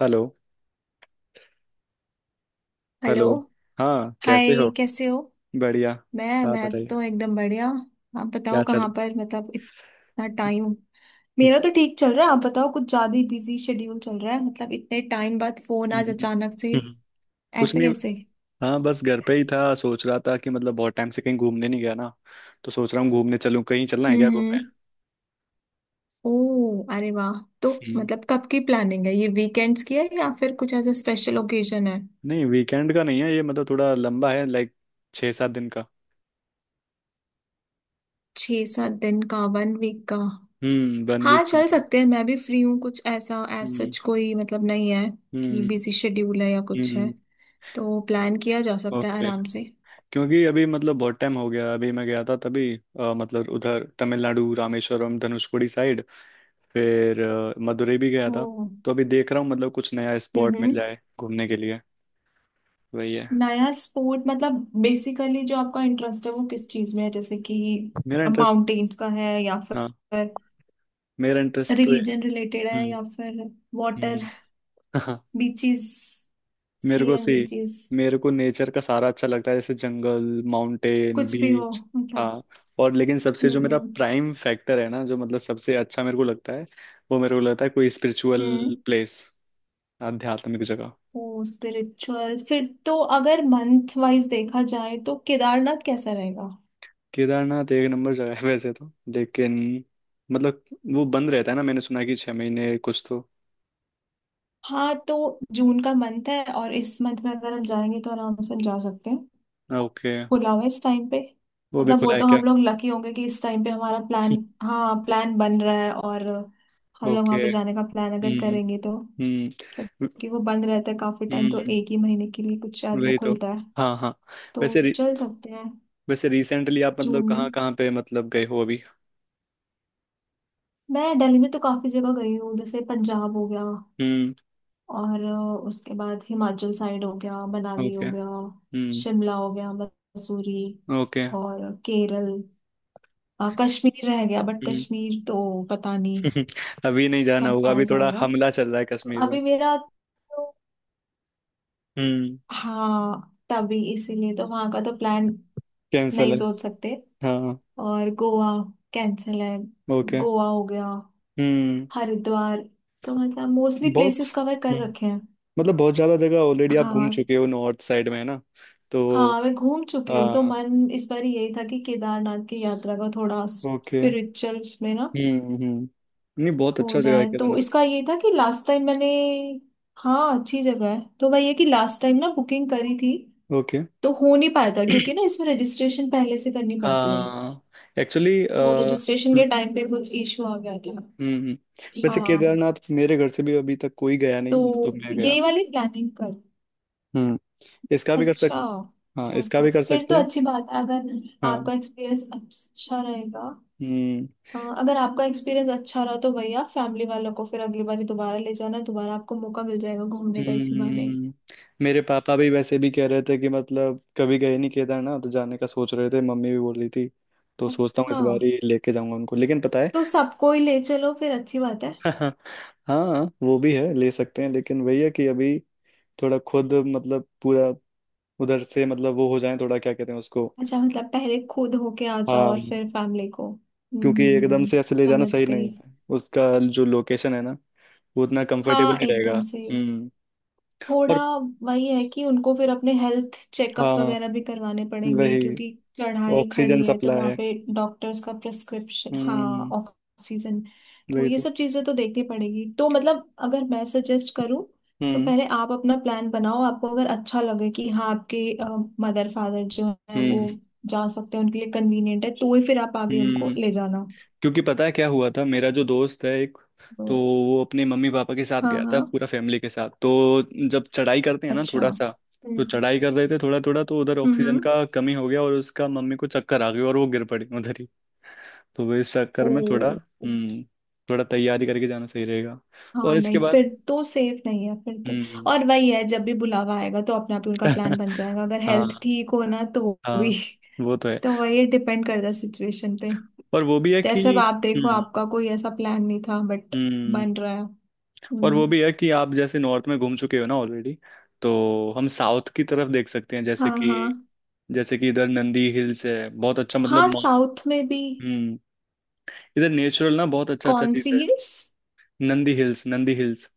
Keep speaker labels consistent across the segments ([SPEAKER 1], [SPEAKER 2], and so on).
[SPEAKER 1] Hello.
[SPEAKER 2] Hello.
[SPEAKER 1] Hello. हाँ, कैसे हो?
[SPEAKER 2] हाय, कैसे हो?
[SPEAKER 1] बढ़िया।
[SPEAKER 2] मैं
[SPEAKER 1] हाँ,
[SPEAKER 2] मैं
[SPEAKER 1] बताइए।
[SPEAKER 2] तो एकदम बढ़िया। आप
[SPEAKER 1] क्या
[SPEAKER 2] बताओ
[SPEAKER 1] चल।
[SPEAKER 2] कहाँ पर, मतलब इतना टाइम। मेरा तो ठीक चल रहा है, आप बताओ। कुछ ज्यादा ही बिजी शेड्यूल चल रहा है, मतलब इतने टाइम बाद फोन आज
[SPEAKER 1] हम्म।
[SPEAKER 2] अचानक से,
[SPEAKER 1] हम्म। कुछ
[SPEAKER 2] ऐसा
[SPEAKER 1] नहीं।
[SPEAKER 2] कैसे?
[SPEAKER 1] हाँ, बस घर पे ही था, सोच रहा था कि मतलब बहुत टाइम से कहीं घूमने नहीं गया ना, तो सोच रहा हूँ घूमने चलूँ। कहीं चलना है क्या घूमने?
[SPEAKER 2] हम्म। ओ, अरे वाह। तो
[SPEAKER 1] हम्म,
[SPEAKER 2] मतलब कब की प्लानिंग है? ये वीकेंड्स की है या फिर कुछ ऐसा स्पेशल ओकेजन है?
[SPEAKER 1] नहीं, वीकेंड का नहीं है ये। मतलब थोड़ा लंबा है, लाइक 6-7 दिन का।
[SPEAKER 2] छः सात दिन का, वन वीक का?
[SPEAKER 1] वन
[SPEAKER 2] हाँ,
[SPEAKER 1] वीक
[SPEAKER 2] चल
[SPEAKER 1] समथिंग।
[SPEAKER 2] सकते हैं, मैं भी फ्री हूँ। कुछ ऐसा एज
[SPEAKER 1] हम्म।
[SPEAKER 2] सच कोई मतलब नहीं है कि
[SPEAKER 1] हम्म।
[SPEAKER 2] बिजी शेड्यूल है या कुछ है,
[SPEAKER 1] हम्म।
[SPEAKER 2] तो प्लान किया जा सकता है
[SPEAKER 1] ओके।
[SPEAKER 2] आराम से।
[SPEAKER 1] क्योंकि अभी मतलब बहुत टाइम हो गया, अभी मैं गया था तभी मतलब उधर तमिलनाडु रामेश्वरम धनुषकोडी साइड। फिर मदुरै भी गया
[SPEAKER 2] ओ,
[SPEAKER 1] था। तो अभी देख रहा हूँ मतलब कुछ नया स्पॉट मिल
[SPEAKER 2] हम्म।
[SPEAKER 1] जाए घूमने के लिए। वही है।
[SPEAKER 2] नया स्पोर्ट मतलब? बेसिकली जो आपका इंटरेस्ट है वो किस चीज में है, जैसे कि
[SPEAKER 1] मेरा इंटरेस्ट?
[SPEAKER 2] माउंटेन्स का है या
[SPEAKER 1] हाँ।
[SPEAKER 2] फिर
[SPEAKER 1] मेरा इंटरेस्ट तो
[SPEAKER 2] रिलीजन रिलेटेड है
[SPEAKER 1] हम्म।
[SPEAKER 2] या फिर वाटर,
[SPEAKER 1] हम्म। हाँ,
[SPEAKER 2] बीचेस, सी
[SPEAKER 1] मेरे को
[SPEAKER 2] एंड
[SPEAKER 1] सी
[SPEAKER 2] बीचेस,
[SPEAKER 1] मेरे को नेचर का सारा अच्छा लगता है, जैसे जंगल, माउंटेन,
[SPEAKER 2] कुछ भी हो
[SPEAKER 1] बीच।
[SPEAKER 2] मतलब।
[SPEAKER 1] हाँ। और लेकिन सबसे
[SPEAKER 2] हम्म
[SPEAKER 1] जो मेरा
[SPEAKER 2] हम्म
[SPEAKER 1] प्राइम फैक्टर है ना, जो मतलब सबसे अच्छा मेरे को लगता है, वो मेरे को लगता है कोई स्पिरिचुअल
[SPEAKER 2] हम्म।
[SPEAKER 1] प्लेस, आध्यात्मिक जगह।
[SPEAKER 2] ओ स्पिरिचुअल, फिर तो अगर मंथ वाइज देखा जाए तो केदारनाथ कैसा रहेगा?
[SPEAKER 1] केदारनाथ एक नंबर जगह है वैसे तो। लेकिन मतलब वो बंद रहता है ना, मैंने सुना है कि 6 महीने कुछ तो।
[SPEAKER 2] हाँ तो जून का मंथ है और इस मंथ में अगर हम जाएंगे तो आराम से हम जा सकते हैं,
[SPEAKER 1] ओके।
[SPEAKER 2] खुला हुआ है इस टाइम पे।
[SPEAKER 1] वो भी
[SPEAKER 2] मतलब वो
[SPEAKER 1] खुला है
[SPEAKER 2] तो
[SPEAKER 1] क्या?
[SPEAKER 2] हम लोग लकी होंगे कि इस टाइम पे हमारा प्लान, हाँ, प्लान बन रहा है और हम लोग वहाँ
[SPEAKER 1] ओके।
[SPEAKER 2] पे जाने का प्लान अगर
[SPEAKER 1] हम्म।
[SPEAKER 2] करेंगे तो,
[SPEAKER 1] हम्म।
[SPEAKER 2] क्योंकि वो बंद रहता है काफी टाइम, तो
[SPEAKER 1] हम्म।
[SPEAKER 2] एक ही महीने के लिए कुछ शायद वो
[SPEAKER 1] वही तो।
[SPEAKER 2] खुलता है,
[SPEAKER 1] हाँ, हाँ। वैसे
[SPEAKER 2] तो
[SPEAKER 1] रि,
[SPEAKER 2] चल सकते हैं।
[SPEAKER 1] वैसे रिसेंटली आप मतलब
[SPEAKER 2] जून में?
[SPEAKER 1] कहाँ कहाँ पे मतलब गए हो अभी?
[SPEAKER 2] मैं दिल्ली में तो काफी जगह गई हूँ, जैसे पंजाब हो गया
[SPEAKER 1] हम्म।
[SPEAKER 2] और उसके बाद हिमाचल साइड हो गया, मनाली
[SPEAKER 1] ओके।
[SPEAKER 2] हो गया,
[SPEAKER 1] हम्म।
[SPEAKER 2] शिमला हो गया, मसूरी
[SPEAKER 1] ओके।
[SPEAKER 2] और केरल। कश्मीर रह गया, बट
[SPEAKER 1] हम्म।
[SPEAKER 2] कश्मीर तो पता नहीं
[SPEAKER 1] अभी नहीं जाना
[SPEAKER 2] कब
[SPEAKER 1] होगा, अभी
[SPEAKER 2] जाया
[SPEAKER 1] थोड़ा
[SPEAKER 2] जाएगा,
[SPEAKER 1] हमला चल रहा है
[SPEAKER 2] तो
[SPEAKER 1] कश्मीर में।
[SPEAKER 2] अभी मेरा तो,
[SPEAKER 1] हम्म।
[SPEAKER 2] हाँ तभी इसीलिए तो वहां का तो प्लान
[SPEAKER 1] कैंसल
[SPEAKER 2] नहीं
[SPEAKER 1] है।
[SPEAKER 2] सोच सकते।
[SPEAKER 1] हाँ।
[SPEAKER 2] और गोवा कैंसिल है,
[SPEAKER 1] ओके।
[SPEAKER 2] गोवा हो गया,
[SPEAKER 1] हम्म।
[SPEAKER 2] हरिद्वार, तो मतलब मोस्टली
[SPEAKER 1] बहुत।
[SPEAKER 2] प्लेसेस कवर कर
[SPEAKER 1] हम्म।
[SPEAKER 2] रखे हैं।
[SPEAKER 1] मतलब बहुत ज्यादा जगह ऑलरेडी आप घूम
[SPEAKER 2] हाँ
[SPEAKER 1] चुके हो नॉर्थ साइड में, है ना? तो
[SPEAKER 2] हाँ, मैं घूम चुकी हूँ तो
[SPEAKER 1] हाँ।
[SPEAKER 2] मन इस बार यही था कि केदारनाथ की यात्रा का थोड़ा
[SPEAKER 1] ओके।
[SPEAKER 2] स्पिरिचुअल उसमें ना
[SPEAKER 1] हम्म। हम्म। नहीं, बहुत
[SPEAKER 2] हो
[SPEAKER 1] अच्छा जगह है
[SPEAKER 2] जाए, तो
[SPEAKER 1] केदारनाथ।
[SPEAKER 2] इसका ये था कि लास्ट टाइम मैंने, हाँ अच्छी जगह है, तो मैं ये कि लास्ट टाइम ना बुकिंग करी थी
[SPEAKER 1] ओके।
[SPEAKER 2] तो हो नहीं पाया था, क्योंकि ना इसमें रजिस्ट्रेशन पहले से करनी पड़ती है,
[SPEAKER 1] हाँ, एक्चुअली
[SPEAKER 2] तो रजिस्ट्रेशन
[SPEAKER 1] हम्म,
[SPEAKER 2] के टाइम पे कुछ इशू आ गया था।
[SPEAKER 1] हम्म, वैसे
[SPEAKER 2] हाँ,
[SPEAKER 1] केदारनाथ मेरे घर से भी अभी तक कोई गया नहीं
[SPEAKER 2] तो
[SPEAKER 1] ना, तो मैं गया।
[SPEAKER 2] यही वाली प्लानिंग कर,
[SPEAKER 1] हम्म। इसका भी कर
[SPEAKER 2] अच्छा
[SPEAKER 1] सक हाँ,
[SPEAKER 2] अच्छा,
[SPEAKER 1] इसका
[SPEAKER 2] अच्छा
[SPEAKER 1] भी कर
[SPEAKER 2] फिर
[SPEAKER 1] सकते
[SPEAKER 2] तो
[SPEAKER 1] हैं।
[SPEAKER 2] अच्छी बात है, अगर
[SPEAKER 1] हाँ।
[SPEAKER 2] आपका एक्सपीरियंस अच्छा रहेगा।
[SPEAKER 1] हम्म।
[SPEAKER 2] हाँ, अगर आपका एक्सपीरियंस अच्छा रहा तो भैया फैमिली वालों को फिर अगली बारी दोबारा ले जाना, दोबारा आपको मौका मिल जाएगा घूमने का इसी बहाने।
[SPEAKER 1] हम्म। मेरे पापा भी वैसे भी कह रहे थे कि मतलब कभी गए नहीं केदारनाथ, तो जाने का सोच रहे थे, मम्मी भी बोल रही थी। तो सोचता हूँ इस बार
[SPEAKER 2] हाँ,
[SPEAKER 1] ही लेके जाऊंगा उनको, लेकिन पता है।
[SPEAKER 2] तो सबको ही ले चलो, फिर अच्छी बात है।
[SPEAKER 1] हाँ, वो भी है, ले सकते हैं, लेकिन वही है कि अभी थोड़ा खुद मतलब पूरा उधर से मतलब वो हो जाए, थोड़ा क्या कहते हैं उसको।
[SPEAKER 2] अच्छा, मतलब पहले खुद होके आ जाओ
[SPEAKER 1] हाँ,
[SPEAKER 2] और फिर फैमिली को।
[SPEAKER 1] क्योंकि एकदम से ऐसे ले जाना
[SPEAKER 2] समझ
[SPEAKER 1] सही
[SPEAKER 2] गई।
[SPEAKER 1] नहीं है उसका। जो लोकेशन है ना, वो उतना कंफर्टेबल
[SPEAKER 2] हाँ
[SPEAKER 1] नहीं रहेगा।
[SPEAKER 2] एकदम से,
[SPEAKER 1] हम्म।
[SPEAKER 2] थोड़ा,
[SPEAKER 1] और
[SPEAKER 2] वही है कि उनको फिर अपने हेल्थ चेकअप
[SPEAKER 1] हाँ,
[SPEAKER 2] वगैरह भी करवाने पड़ेंगे,
[SPEAKER 1] वही,
[SPEAKER 2] क्योंकि चढ़ाई
[SPEAKER 1] ऑक्सीजन
[SPEAKER 2] खड़ी है, तो
[SPEAKER 1] सप्लाई
[SPEAKER 2] वहाँ
[SPEAKER 1] है।
[SPEAKER 2] पे डॉक्टर्स का प्रिस्क्रिप्शन, हाँ
[SPEAKER 1] हम्म।
[SPEAKER 2] ऑक्सीजन, तो
[SPEAKER 1] वही
[SPEAKER 2] ये
[SPEAKER 1] तो।
[SPEAKER 2] सब चीज़ें तो देखनी पड़ेगी। तो मतलब अगर मैं सजेस्ट करूँ तो
[SPEAKER 1] हम्म।
[SPEAKER 2] पहले आप अपना प्लान बनाओ, आपको अगर अच्छा लगे कि हाँ आपके मदर फादर जो है वो
[SPEAKER 1] हम्म।
[SPEAKER 2] जा सकते हैं, उनके लिए कन्वीनियंट है तो ही फिर आप आगे उनको
[SPEAKER 1] हम्म।
[SPEAKER 2] ले जाना।
[SPEAKER 1] क्योंकि पता है क्या हुआ था, मेरा जो दोस्त है एक, तो
[SPEAKER 2] तो
[SPEAKER 1] वो अपने मम्मी पापा के साथ
[SPEAKER 2] हाँ
[SPEAKER 1] गया था
[SPEAKER 2] हाँ,
[SPEAKER 1] पूरा फैमिली के साथ। तो जब चढ़ाई करते हैं ना
[SPEAKER 2] अच्छा,
[SPEAKER 1] थोड़ा सा, तो
[SPEAKER 2] हम्म
[SPEAKER 1] चढ़ाई कर रहे थे थोड़ा थोड़ा, तो उधर
[SPEAKER 2] हम्म
[SPEAKER 1] ऑक्सीजन
[SPEAKER 2] हम्म।
[SPEAKER 1] का कमी हो गया और उसका मम्मी को चक्कर आ गया और वो गिर पड़ी उधर ही। तो वो इस चक्कर
[SPEAKER 2] ओ,
[SPEAKER 1] में थोड़ा थोड़ा तैयारी करके जाना सही रहेगा। और
[SPEAKER 2] हाँ
[SPEAKER 1] इसके
[SPEAKER 2] नहीं,
[SPEAKER 1] बाद
[SPEAKER 2] फिर तो सेफ नहीं है फिर तो।
[SPEAKER 1] हम्म।
[SPEAKER 2] और वही है, जब भी बुलावा आएगा तो अपने आप ही उनका प्लान बन जाएगा, अगर हेल्थ
[SPEAKER 1] हाँ,
[SPEAKER 2] ठीक हो ना, तो भी।
[SPEAKER 1] हाँ। वो तो है।
[SPEAKER 2] तो वही डिपेंड करता है सिचुएशन पे।
[SPEAKER 1] और वो भी है कि
[SPEAKER 2] जैसे अब आप देखो,
[SPEAKER 1] हम्म,
[SPEAKER 2] आपका कोई ऐसा प्लान नहीं था बट
[SPEAKER 1] हम्म,
[SPEAKER 2] बन रहा है।
[SPEAKER 1] और वो
[SPEAKER 2] हम्म।
[SPEAKER 1] भी है कि आप जैसे नॉर्थ में घूम चुके हो ना ऑलरेडी, तो हम साउथ की तरफ देख सकते हैं। जैसे
[SPEAKER 2] हाँ
[SPEAKER 1] कि
[SPEAKER 2] हाँ,
[SPEAKER 1] जैसे कि इधर नंदी हिल्स है, बहुत अच्छा, मतलब
[SPEAKER 2] हाँ साउथ में भी?
[SPEAKER 1] हम्म। इधर नेचुरल ना बहुत अच्छा अच्छा
[SPEAKER 2] कौन
[SPEAKER 1] चीज
[SPEAKER 2] सी
[SPEAKER 1] है।
[SPEAKER 2] Hills?
[SPEAKER 1] Nandi hills, Nandi hills.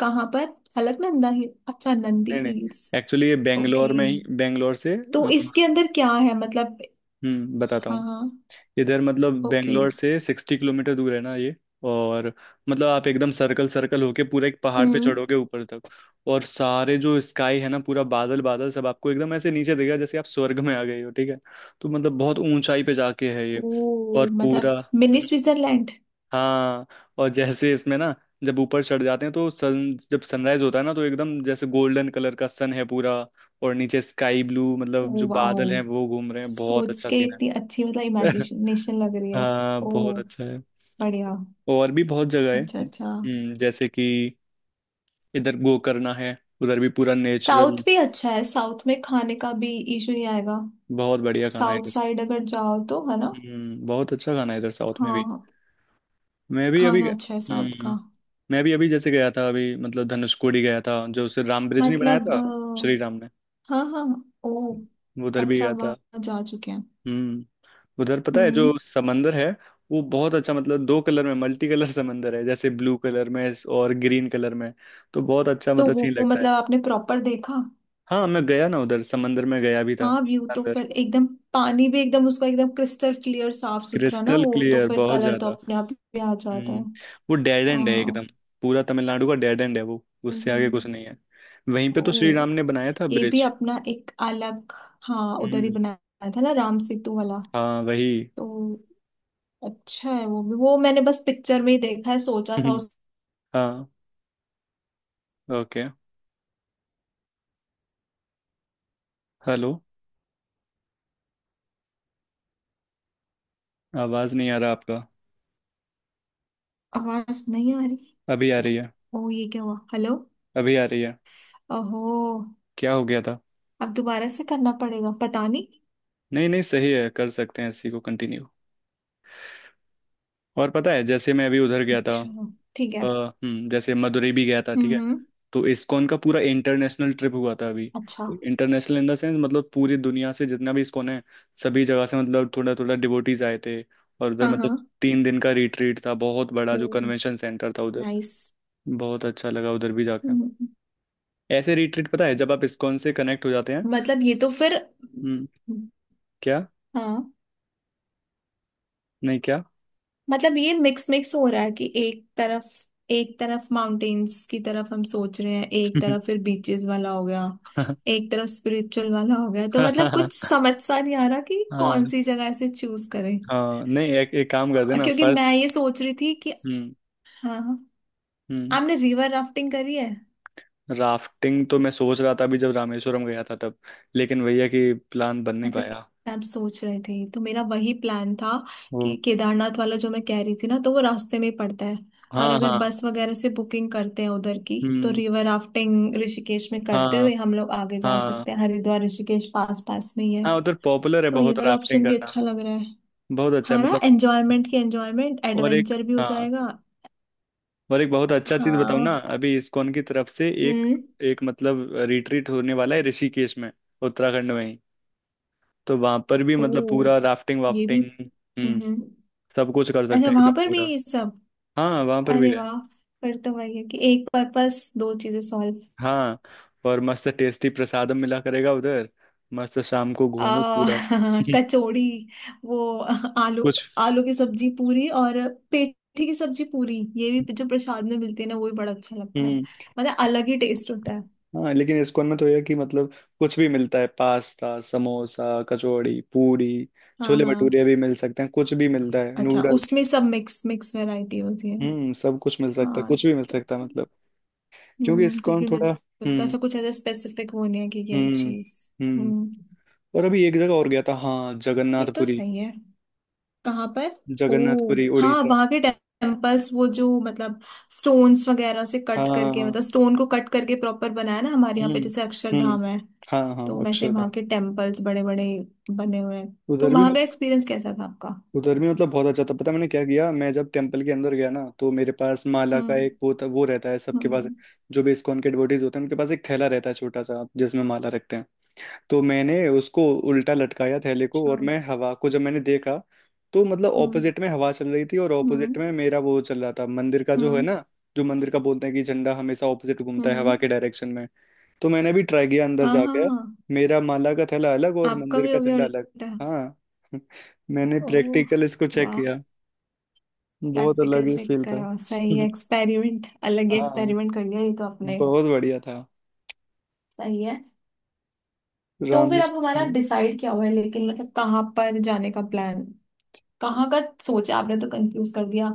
[SPEAKER 2] कहाँ पर? अलकनंदा हिल, अच्छा नंदी
[SPEAKER 1] नहीं
[SPEAKER 2] हिल्स।
[SPEAKER 1] नहीं, एक्चुअली ये
[SPEAKER 2] ओके,
[SPEAKER 1] बेंगलोर में ही,
[SPEAKER 2] तो इसके अंदर क्या है मतलब?
[SPEAKER 1] बताता
[SPEAKER 2] हाँ
[SPEAKER 1] हूँ।
[SPEAKER 2] हाँ।
[SPEAKER 1] इधर मतलब
[SPEAKER 2] ओके।
[SPEAKER 1] बेंगलोर से 60 किलोमीटर दूर है ना ये। और मतलब आप एकदम सर्कल सर्कल होके पूरा एक पहाड़ पे
[SPEAKER 2] हम्म।
[SPEAKER 1] चढ़ोगे ऊपर तक। और सारे जो स्काई है ना, पूरा बादल बादल सब आपको एकदम ऐसे नीचे देगा, जैसे आप स्वर्ग में आ गए हो, ठीक है? तो मतलब बहुत ऊंचाई पे जाके है ये।
[SPEAKER 2] ओ
[SPEAKER 1] और
[SPEAKER 2] मतलब
[SPEAKER 1] पूरा
[SPEAKER 2] मिनी स्विट्जरलैंड।
[SPEAKER 1] हाँ, और जैसे इसमें ना, जब ऊपर चढ़ जाते हैं तो सन जब सनराइज होता है ना, तो एकदम जैसे गोल्डन कलर का सन है पूरा, और नीचे स्काई ब्लू, मतलब जो
[SPEAKER 2] ओ वाओ,
[SPEAKER 1] बादल हैं वो घूम रहे हैं, बहुत
[SPEAKER 2] सोच
[SPEAKER 1] अच्छा
[SPEAKER 2] के
[SPEAKER 1] सीन
[SPEAKER 2] इतनी
[SPEAKER 1] है।
[SPEAKER 2] अच्छी मतलब इमेजिनेशन लग रही है।
[SPEAKER 1] हाँ,
[SPEAKER 2] ओ,
[SPEAKER 1] बहुत अच्छा।
[SPEAKER 2] बढ़िया।
[SPEAKER 1] और भी बहुत जगह है
[SPEAKER 2] अच्छा अच्छा,
[SPEAKER 1] जैसे कि इधर गोकर्णा है, उधर भी पूरा
[SPEAKER 2] साउथ
[SPEAKER 1] नेचुरल।
[SPEAKER 2] भी अच्छा है, साउथ में खाने का भी इशू नहीं आएगा,
[SPEAKER 1] बहुत बढ़िया खाना है
[SPEAKER 2] साउथ
[SPEAKER 1] इधर।
[SPEAKER 2] साइड अगर जाओ तो, है ना?
[SPEAKER 1] बहुत अच्छा खाना है इधर साउथ में
[SPEAKER 2] हाँ
[SPEAKER 1] भी।
[SPEAKER 2] हाँ,
[SPEAKER 1] मैं भी अभी
[SPEAKER 2] खाना अच्छा है साउथ
[SPEAKER 1] हम्म
[SPEAKER 2] का।
[SPEAKER 1] मैं भी अभी जैसे गया था, अभी मतलब धनुषकोडी गया था, जो उसे राम ब्रिज नहीं बनाया
[SPEAKER 2] मतलब
[SPEAKER 1] था श्री राम ने,
[SPEAKER 2] हाँ हाँ। ओ
[SPEAKER 1] वो उधर भी
[SPEAKER 2] अच्छा,
[SPEAKER 1] गया था।
[SPEAKER 2] वहाँ जा चुके हैं।
[SPEAKER 1] हम्म उधर पता है
[SPEAKER 2] हम्म,
[SPEAKER 1] जो समंदर है, वो बहुत अच्छा, मतलब दो कलर में, मल्टी कलर समंदर है, जैसे ब्लू कलर में और ग्रीन कलर में। तो बहुत अच्छा
[SPEAKER 2] तो
[SPEAKER 1] मतलब सीन
[SPEAKER 2] वो
[SPEAKER 1] लगता है।
[SPEAKER 2] मतलब आपने प्रॉपर देखा?
[SPEAKER 1] हाँ, मैं गया ना उधर, समंदर में गया भी था
[SPEAKER 2] हाँ व्यू तो
[SPEAKER 1] अंदर।
[SPEAKER 2] फिर एकदम, पानी भी एकदम उसका एकदम क्रिस्टल क्लियर साफ सुथरा ना,
[SPEAKER 1] क्रिस्टल
[SPEAKER 2] वो तो
[SPEAKER 1] क्लियर,
[SPEAKER 2] फिर
[SPEAKER 1] बहुत
[SPEAKER 2] कलर तो
[SPEAKER 1] ज्यादा।
[SPEAKER 2] अपने आप ही आ जाता
[SPEAKER 1] हम्म
[SPEAKER 2] है।
[SPEAKER 1] वो डेड एंड है एकदम।
[SPEAKER 2] हाँ।
[SPEAKER 1] पूरा तमिलनाडु का डेड एंड है वो। उससे आगे कुछ
[SPEAKER 2] हम्म।
[SPEAKER 1] नहीं है। वहीं पे
[SPEAKER 2] ओ,
[SPEAKER 1] तो श्री राम ने बनाया था
[SPEAKER 2] ये भी
[SPEAKER 1] ब्रिज।
[SPEAKER 2] अपना एक अलग, हाँ उधर ही
[SPEAKER 1] हम्म।
[SPEAKER 2] बनाया था ना राम सेतु वाला,
[SPEAKER 1] हाँ, वही।
[SPEAKER 2] तो अच्छा है वो भी, वो मैंने बस पिक्चर में ही देखा है, सोचा था उस।
[SPEAKER 1] हाँ। ओके। हेलो, आवाज नहीं आ रहा आपका।
[SPEAKER 2] आवाज नहीं आ रही।
[SPEAKER 1] अभी आ रही है।
[SPEAKER 2] ओ, ये क्या हुआ, हेलो?
[SPEAKER 1] अभी आ रही है।
[SPEAKER 2] ओहो,
[SPEAKER 1] क्या हो गया था?
[SPEAKER 2] अब दोबारा से करना पड़ेगा पता नहीं।
[SPEAKER 1] नहीं नहीं, सही है, कर सकते हैं इसी को कंटिन्यू। और पता है, जैसे मैं अभी उधर गया था,
[SPEAKER 2] अच्छा, ठीक है।
[SPEAKER 1] जैसे मदुरई भी गया था, ठीक है?
[SPEAKER 2] हम्म।
[SPEAKER 1] तो इस्कॉन का पूरा इंटरनेशनल ट्रिप हुआ था अभी।
[SPEAKER 2] अच्छा।
[SPEAKER 1] इंटरनेशनल इन द सेंस मतलब पूरी दुनिया से जितना भी इस्कॉन है, सभी जगह से मतलब थोड़ा थोड़ा डिवोटीज आए थे और उधर
[SPEAKER 2] हाँ हाँ।
[SPEAKER 1] मतलब 3 दिन का रिट्रीट था, बहुत बड़ा
[SPEAKER 2] ओ,
[SPEAKER 1] जो कन्वेंशन सेंटर था उधर।
[SPEAKER 2] नाइस।
[SPEAKER 1] बहुत अच्छा लगा उधर भी जाकर।
[SPEAKER 2] हम्म,
[SPEAKER 1] ऐसे रिट्रीट पता है, जब आप इस्कॉन से कनेक्ट हो जाते हैं।
[SPEAKER 2] मतलब ये तो फिर,
[SPEAKER 1] हम्म। क्या?
[SPEAKER 2] हाँ
[SPEAKER 1] नहीं, क्या?
[SPEAKER 2] मतलब ये मिक्स मिक्स हो रहा है कि एक तरफ, एक तरफ माउंटेन्स की तरफ हम सोच रहे हैं, एक तरफ फिर बीचेस वाला हो गया, एक तरफ स्पिरिचुअल वाला हो गया, तो
[SPEAKER 1] हाँ,
[SPEAKER 2] मतलब
[SPEAKER 1] हाँ,
[SPEAKER 2] कुछ समझ सा नहीं आ रहा कि कौन सी जगह से चूज करें।
[SPEAKER 1] हाँ, नहीं, एक काम कर देना
[SPEAKER 2] क्योंकि मैं
[SPEAKER 1] फर्स्ट।
[SPEAKER 2] ये सोच रही थी कि,
[SPEAKER 1] हम्म।
[SPEAKER 2] हाँ हाँ।
[SPEAKER 1] हम्म।
[SPEAKER 2] आपने रिवर राफ्टिंग करी है?
[SPEAKER 1] राफ्टिंग तो मैं सोच रहा था अभी जब रामेश्वरम गया था तब, लेकिन भैया कि प्लान बन नहीं
[SPEAKER 2] अच्छा,
[SPEAKER 1] पाया।
[SPEAKER 2] क्या आप सोच रहे थे? तो मेरा वही प्लान था
[SPEAKER 1] वो
[SPEAKER 2] कि केदारनाथ वाला जो मैं कह रही थी ना, तो वो रास्ते में ही पड़ता है और
[SPEAKER 1] हाँ,
[SPEAKER 2] अगर
[SPEAKER 1] हाँ।
[SPEAKER 2] बस वगैरह से बुकिंग करते हैं उधर की, तो
[SPEAKER 1] हम्म।
[SPEAKER 2] रिवर राफ्टिंग ऋषिकेश में करते
[SPEAKER 1] हाँ,
[SPEAKER 2] हुए हम लोग आगे जा
[SPEAKER 1] हाँ,
[SPEAKER 2] सकते हैं, हरिद्वार ऋषिकेश पास पास में ही है।
[SPEAKER 1] हाँ। उधर पॉपुलर है
[SPEAKER 2] तो ये
[SPEAKER 1] बहुत
[SPEAKER 2] वाला
[SPEAKER 1] राफ्टिंग
[SPEAKER 2] ऑप्शन भी
[SPEAKER 1] करना।
[SPEAKER 2] अच्छा लग रहा है।
[SPEAKER 1] बहुत अच्छा है
[SPEAKER 2] हाँ ना,
[SPEAKER 1] मतलब।
[SPEAKER 2] एंजॉयमेंट की एंजॉयमेंट,
[SPEAKER 1] और एक
[SPEAKER 2] एडवेंचर भी हो
[SPEAKER 1] हाँ,
[SPEAKER 2] जाएगा।
[SPEAKER 1] और एक बहुत अच्छा चीज बताऊँ ना।
[SPEAKER 2] हाँ,
[SPEAKER 1] अभी इस्कॉन की तरफ से एक
[SPEAKER 2] हम्म।
[SPEAKER 1] एक मतलब रिट्रीट होने वाला है ऋषिकेश में, उत्तराखंड में ही। तो वहां पर भी
[SPEAKER 2] ओ,
[SPEAKER 1] मतलब पूरा राफ्टिंग
[SPEAKER 2] ये भी।
[SPEAKER 1] वाफ्टिंग
[SPEAKER 2] हम्म।
[SPEAKER 1] सब कुछ कर सकते
[SPEAKER 2] अच्छा,
[SPEAKER 1] हैं
[SPEAKER 2] वहां
[SPEAKER 1] एकदम
[SPEAKER 2] पर भी है
[SPEAKER 1] पूरा।
[SPEAKER 2] ये सब?
[SPEAKER 1] हाँ, वहां पर भी
[SPEAKER 2] अरे
[SPEAKER 1] है।
[SPEAKER 2] वाह, फिर तो वही है कि एक पर्पस दो चीजें सॉल्व।
[SPEAKER 1] हाँ, और मस्त टेस्टी प्रसादम मिला करेगा उधर, मस्त शाम को
[SPEAKER 2] आ,
[SPEAKER 1] घूमो पूरा।
[SPEAKER 2] कचौड़ी, वो आलू,
[SPEAKER 1] कुछ।
[SPEAKER 2] आलू की सब्जी पूरी और पेठी की सब्जी पूरी, ये भी जो प्रसाद में मिलती है ना, वो भी बड़ा अच्छा लगता है,
[SPEAKER 1] हम्म।
[SPEAKER 2] मतलब अलग ही टेस्ट होता है।
[SPEAKER 1] हाँ, लेकिन इस्कॉन में तो यह कि मतलब कुछ भी मिलता है, पास्ता, समोसा, कचौड़ी पूरी,
[SPEAKER 2] हाँ
[SPEAKER 1] छोले
[SPEAKER 2] हाँ,
[SPEAKER 1] भटूरे भी मिल सकते हैं, कुछ भी मिलता है,
[SPEAKER 2] अच्छा
[SPEAKER 1] नूडल्स।
[SPEAKER 2] उसमें सब मिक्स मिक्स वैरायटी होती है।
[SPEAKER 1] सब कुछ मिल सकता है,
[SPEAKER 2] हाँ,
[SPEAKER 1] कुछ भी मिल
[SPEAKER 2] तो
[SPEAKER 1] सकता है मतलब। क्योंकि
[SPEAKER 2] कुछ
[SPEAKER 1] इस्कॉन
[SPEAKER 2] भी मिल
[SPEAKER 1] थोड़ा।
[SPEAKER 2] सकता है,
[SPEAKER 1] हम्म।
[SPEAKER 2] अच्छा कुछ ऐसा स्पेसिफिक वो नहीं है कि यही
[SPEAKER 1] हम्म।
[SPEAKER 2] चीज।
[SPEAKER 1] हम्म।
[SPEAKER 2] हम्म,
[SPEAKER 1] और अभी एक जगह और गया था, हाँ,
[SPEAKER 2] ये तो
[SPEAKER 1] जगन्नाथपुरी।
[SPEAKER 2] सही है। कहाँ पर? ओ,
[SPEAKER 1] जगन्नाथपुरी
[SPEAKER 2] हाँ
[SPEAKER 1] उड़ीसा।
[SPEAKER 2] वहां के टेम्पल्स वो जो मतलब स्टोन्स वगैरह से कट करके,
[SPEAKER 1] हाँ।
[SPEAKER 2] मतलब स्टोन को कट करके प्रॉपर बनाया ना, हमारे यहाँ पे
[SPEAKER 1] हम्म।
[SPEAKER 2] जैसे
[SPEAKER 1] हम्म।
[SPEAKER 2] अक्षरधाम है,
[SPEAKER 1] हाँ, हाँ,
[SPEAKER 2] तो वैसे वहां
[SPEAKER 1] अक्षरधाम।
[SPEAKER 2] के टेम्पल्स बड़े बड़े बने हुए हैं, तो
[SPEAKER 1] उधर भी,
[SPEAKER 2] वहां का एक्सपीरियंस कैसा था आपका?
[SPEAKER 1] उधर भी मतलब बहुत अच्छा था। पता है मैंने क्या किया? मैं जब टेम्पल के अंदर गया ना, तो मेरे पास माला का
[SPEAKER 2] हम्म
[SPEAKER 1] एक वो था, वो रहता है सबके
[SPEAKER 2] हम्म
[SPEAKER 1] पास,
[SPEAKER 2] हम्म,
[SPEAKER 1] जो भी इस्कॉन के डिवोटीज होते हैं उनके पास एक थैला रहता है छोटा सा, जिसमें माला रखते हैं। तो मैंने उसको उल्टा लटकाया थैले को,
[SPEAKER 2] अच्छा।
[SPEAKER 1] और मैं हवा को जब मैंने देखा, तो मतलब
[SPEAKER 2] हम्म
[SPEAKER 1] ऑपोजिट में हवा चल रही थी और
[SPEAKER 2] हम्म
[SPEAKER 1] ऑपोजिट में मेरा वो चल रहा था मंदिर का, जो है
[SPEAKER 2] हम्म
[SPEAKER 1] ना, जो मंदिर का बोलते हैं कि झंडा हमेशा ऑपोजिट घूमता है हवा
[SPEAKER 2] हम्म।
[SPEAKER 1] के डायरेक्शन में। तो मैंने भी ट्राई किया अंदर
[SPEAKER 2] हाँ हाँ
[SPEAKER 1] जाकर,
[SPEAKER 2] हाँ,
[SPEAKER 1] मेरा माला का थैला अलग और
[SPEAKER 2] आपका
[SPEAKER 1] मंदिर
[SPEAKER 2] भी
[SPEAKER 1] का
[SPEAKER 2] हो गया
[SPEAKER 1] झंडा अलग।
[SPEAKER 2] उल्टा?
[SPEAKER 1] हाँ। मैंने
[SPEAKER 2] ओह
[SPEAKER 1] प्रैक्टिकल इसको चेक
[SPEAKER 2] वाह,
[SPEAKER 1] किया। बहुत अलग
[SPEAKER 2] प्रैक्टिकल
[SPEAKER 1] ही
[SPEAKER 2] चेक
[SPEAKER 1] फील था।
[SPEAKER 2] करा, सही है एक्सपेरिमेंट। अलग ही
[SPEAKER 1] हाँ,
[SPEAKER 2] एक्सपेरिमेंट कर लिया ये तो आपने।
[SPEAKER 1] बहुत बढ़िया था।
[SPEAKER 2] सही है। तो फिर
[SPEAKER 1] रामेश।
[SPEAKER 2] अब हमारा डिसाइड क्या हुआ है लेकिन, मतलब कहाँ पर जाने का प्लान, कहाँ का सोचा आपने? तो कंफ्यूज कर दिया,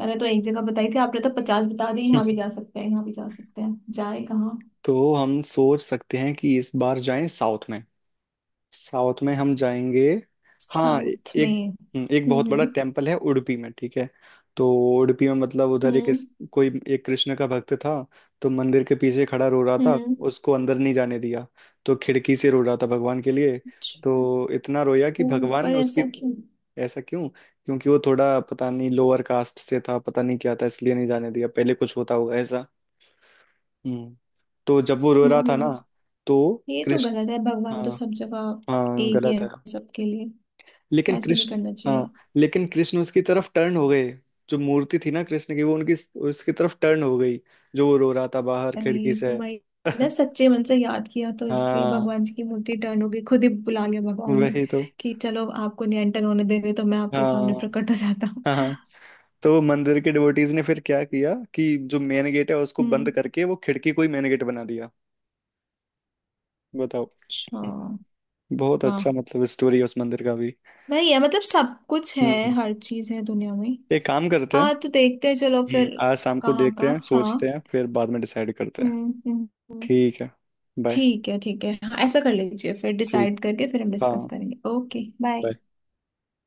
[SPEAKER 2] मैंने तो एक जगह बताई थी, आपने तो पचास बता दी, यहाँ भी जा सकते हैं, यहाँ भी जा सकते हैं, जाए कहाँ?
[SPEAKER 1] तो हम सोच सकते हैं कि इस बार जाएं साउथ में। साउथ में हम जाएंगे। हाँ, ए-
[SPEAKER 2] साउथ में?
[SPEAKER 1] एक एक बहुत बड़ा
[SPEAKER 2] हम्म
[SPEAKER 1] टेम्पल है उडुपी में, ठीक है? तो उडुपी में मतलब उधर
[SPEAKER 2] हम्म
[SPEAKER 1] कोई एक कृष्ण का भक्त था, तो मंदिर के पीछे खड़ा रो रहा था,
[SPEAKER 2] हम्म,
[SPEAKER 1] उसको अंदर नहीं जाने दिया, तो खिड़की से रो रहा था भगवान के लिए।
[SPEAKER 2] अच्छा।
[SPEAKER 1] तो इतना रोया कि
[SPEAKER 2] ओ,
[SPEAKER 1] भगवान
[SPEAKER 2] पर
[SPEAKER 1] उसकी।
[SPEAKER 2] ऐसा क्यों?
[SPEAKER 1] ऐसा क्यों? क्योंकि वो थोड़ा पता नहीं लोअर कास्ट से था, पता नहीं क्या था, इसलिए नहीं जाने दिया, पहले कुछ होता होगा ऐसा। हम्म तो जब वो रो रहा
[SPEAKER 2] हम्म
[SPEAKER 1] था ना,
[SPEAKER 2] हम्म।
[SPEAKER 1] तो
[SPEAKER 2] ये तो गलत
[SPEAKER 1] कृष्ण।
[SPEAKER 2] है, भगवान तो
[SPEAKER 1] हाँ,
[SPEAKER 2] सब जगह
[SPEAKER 1] हाँ,
[SPEAKER 2] एक ही
[SPEAKER 1] गलत है,
[SPEAKER 2] है सबके लिए,
[SPEAKER 1] लेकिन
[SPEAKER 2] ऐसे नहीं
[SPEAKER 1] कृष्ण,
[SPEAKER 2] करना चाहिए।
[SPEAKER 1] हाँ, लेकिन कृष्ण उसकी तरफ टर्न हो गए। जो मूर्ति थी ना कृष्ण की, वो उनकी उसकी तरफ टर्न हो गई, जो वो रो रहा था बाहर खिड़की
[SPEAKER 2] अरे तो
[SPEAKER 1] से।
[SPEAKER 2] वही ना, सच्चे मन से याद किया तो इसलिए
[SPEAKER 1] हाँ,
[SPEAKER 2] भगवान जी की मूर्ति टर्न हो गई, खुद ही बुला लिया भगवान ने
[SPEAKER 1] वही तो।
[SPEAKER 2] कि चलो आपको निरंतर होने दे रहे तो मैं आपके
[SPEAKER 1] हाँ,
[SPEAKER 2] सामने प्रकट हो जाता हूँ।
[SPEAKER 1] हाँ, हाँ। तो मंदिर के डिवोटीज ने फिर क्या किया कि जो मेन गेट है उसको बंद
[SPEAKER 2] हम्म,
[SPEAKER 1] करके वो खिड़की को ही मेन गेट बना दिया। बताओ।
[SPEAKER 2] अच्छा,
[SPEAKER 1] बहुत
[SPEAKER 2] वाह,
[SPEAKER 1] अच्छा मतलब स्टोरी है उस मंदिर का भी।
[SPEAKER 2] वही है मतलब सब कुछ है,
[SPEAKER 1] हम्म।
[SPEAKER 2] हर चीज है दुनिया में।
[SPEAKER 1] एक काम करते हैं।
[SPEAKER 2] हाँ तो देखते हैं चलो फिर,
[SPEAKER 1] आज शाम को
[SPEAKER 2] कहाँ का?
[SPEAKER 1] देखते हैं, सोचते
[SPEAKER 2] हाँ,
[SPEAKER 1] हैं, फिर बाद में डिसाइड करते हैं।
[SPEAKER 2] हम्म हम्म हम्म।
[SPEAKER 1] ठीक है, बाय।
[SPEAKER 2] ठीक है ठीक है, हाँ ऐसा कर लीजिए, फिर
[SPEAKER 1] ठीक।
[SPEAKER 2] डिसाइड करके फिर हम डिस्कस
[SPEAKER 1] हाँ।
[SPEAKER 2] करेंगे। Okay, bye.
[SPEAKER 1] bye।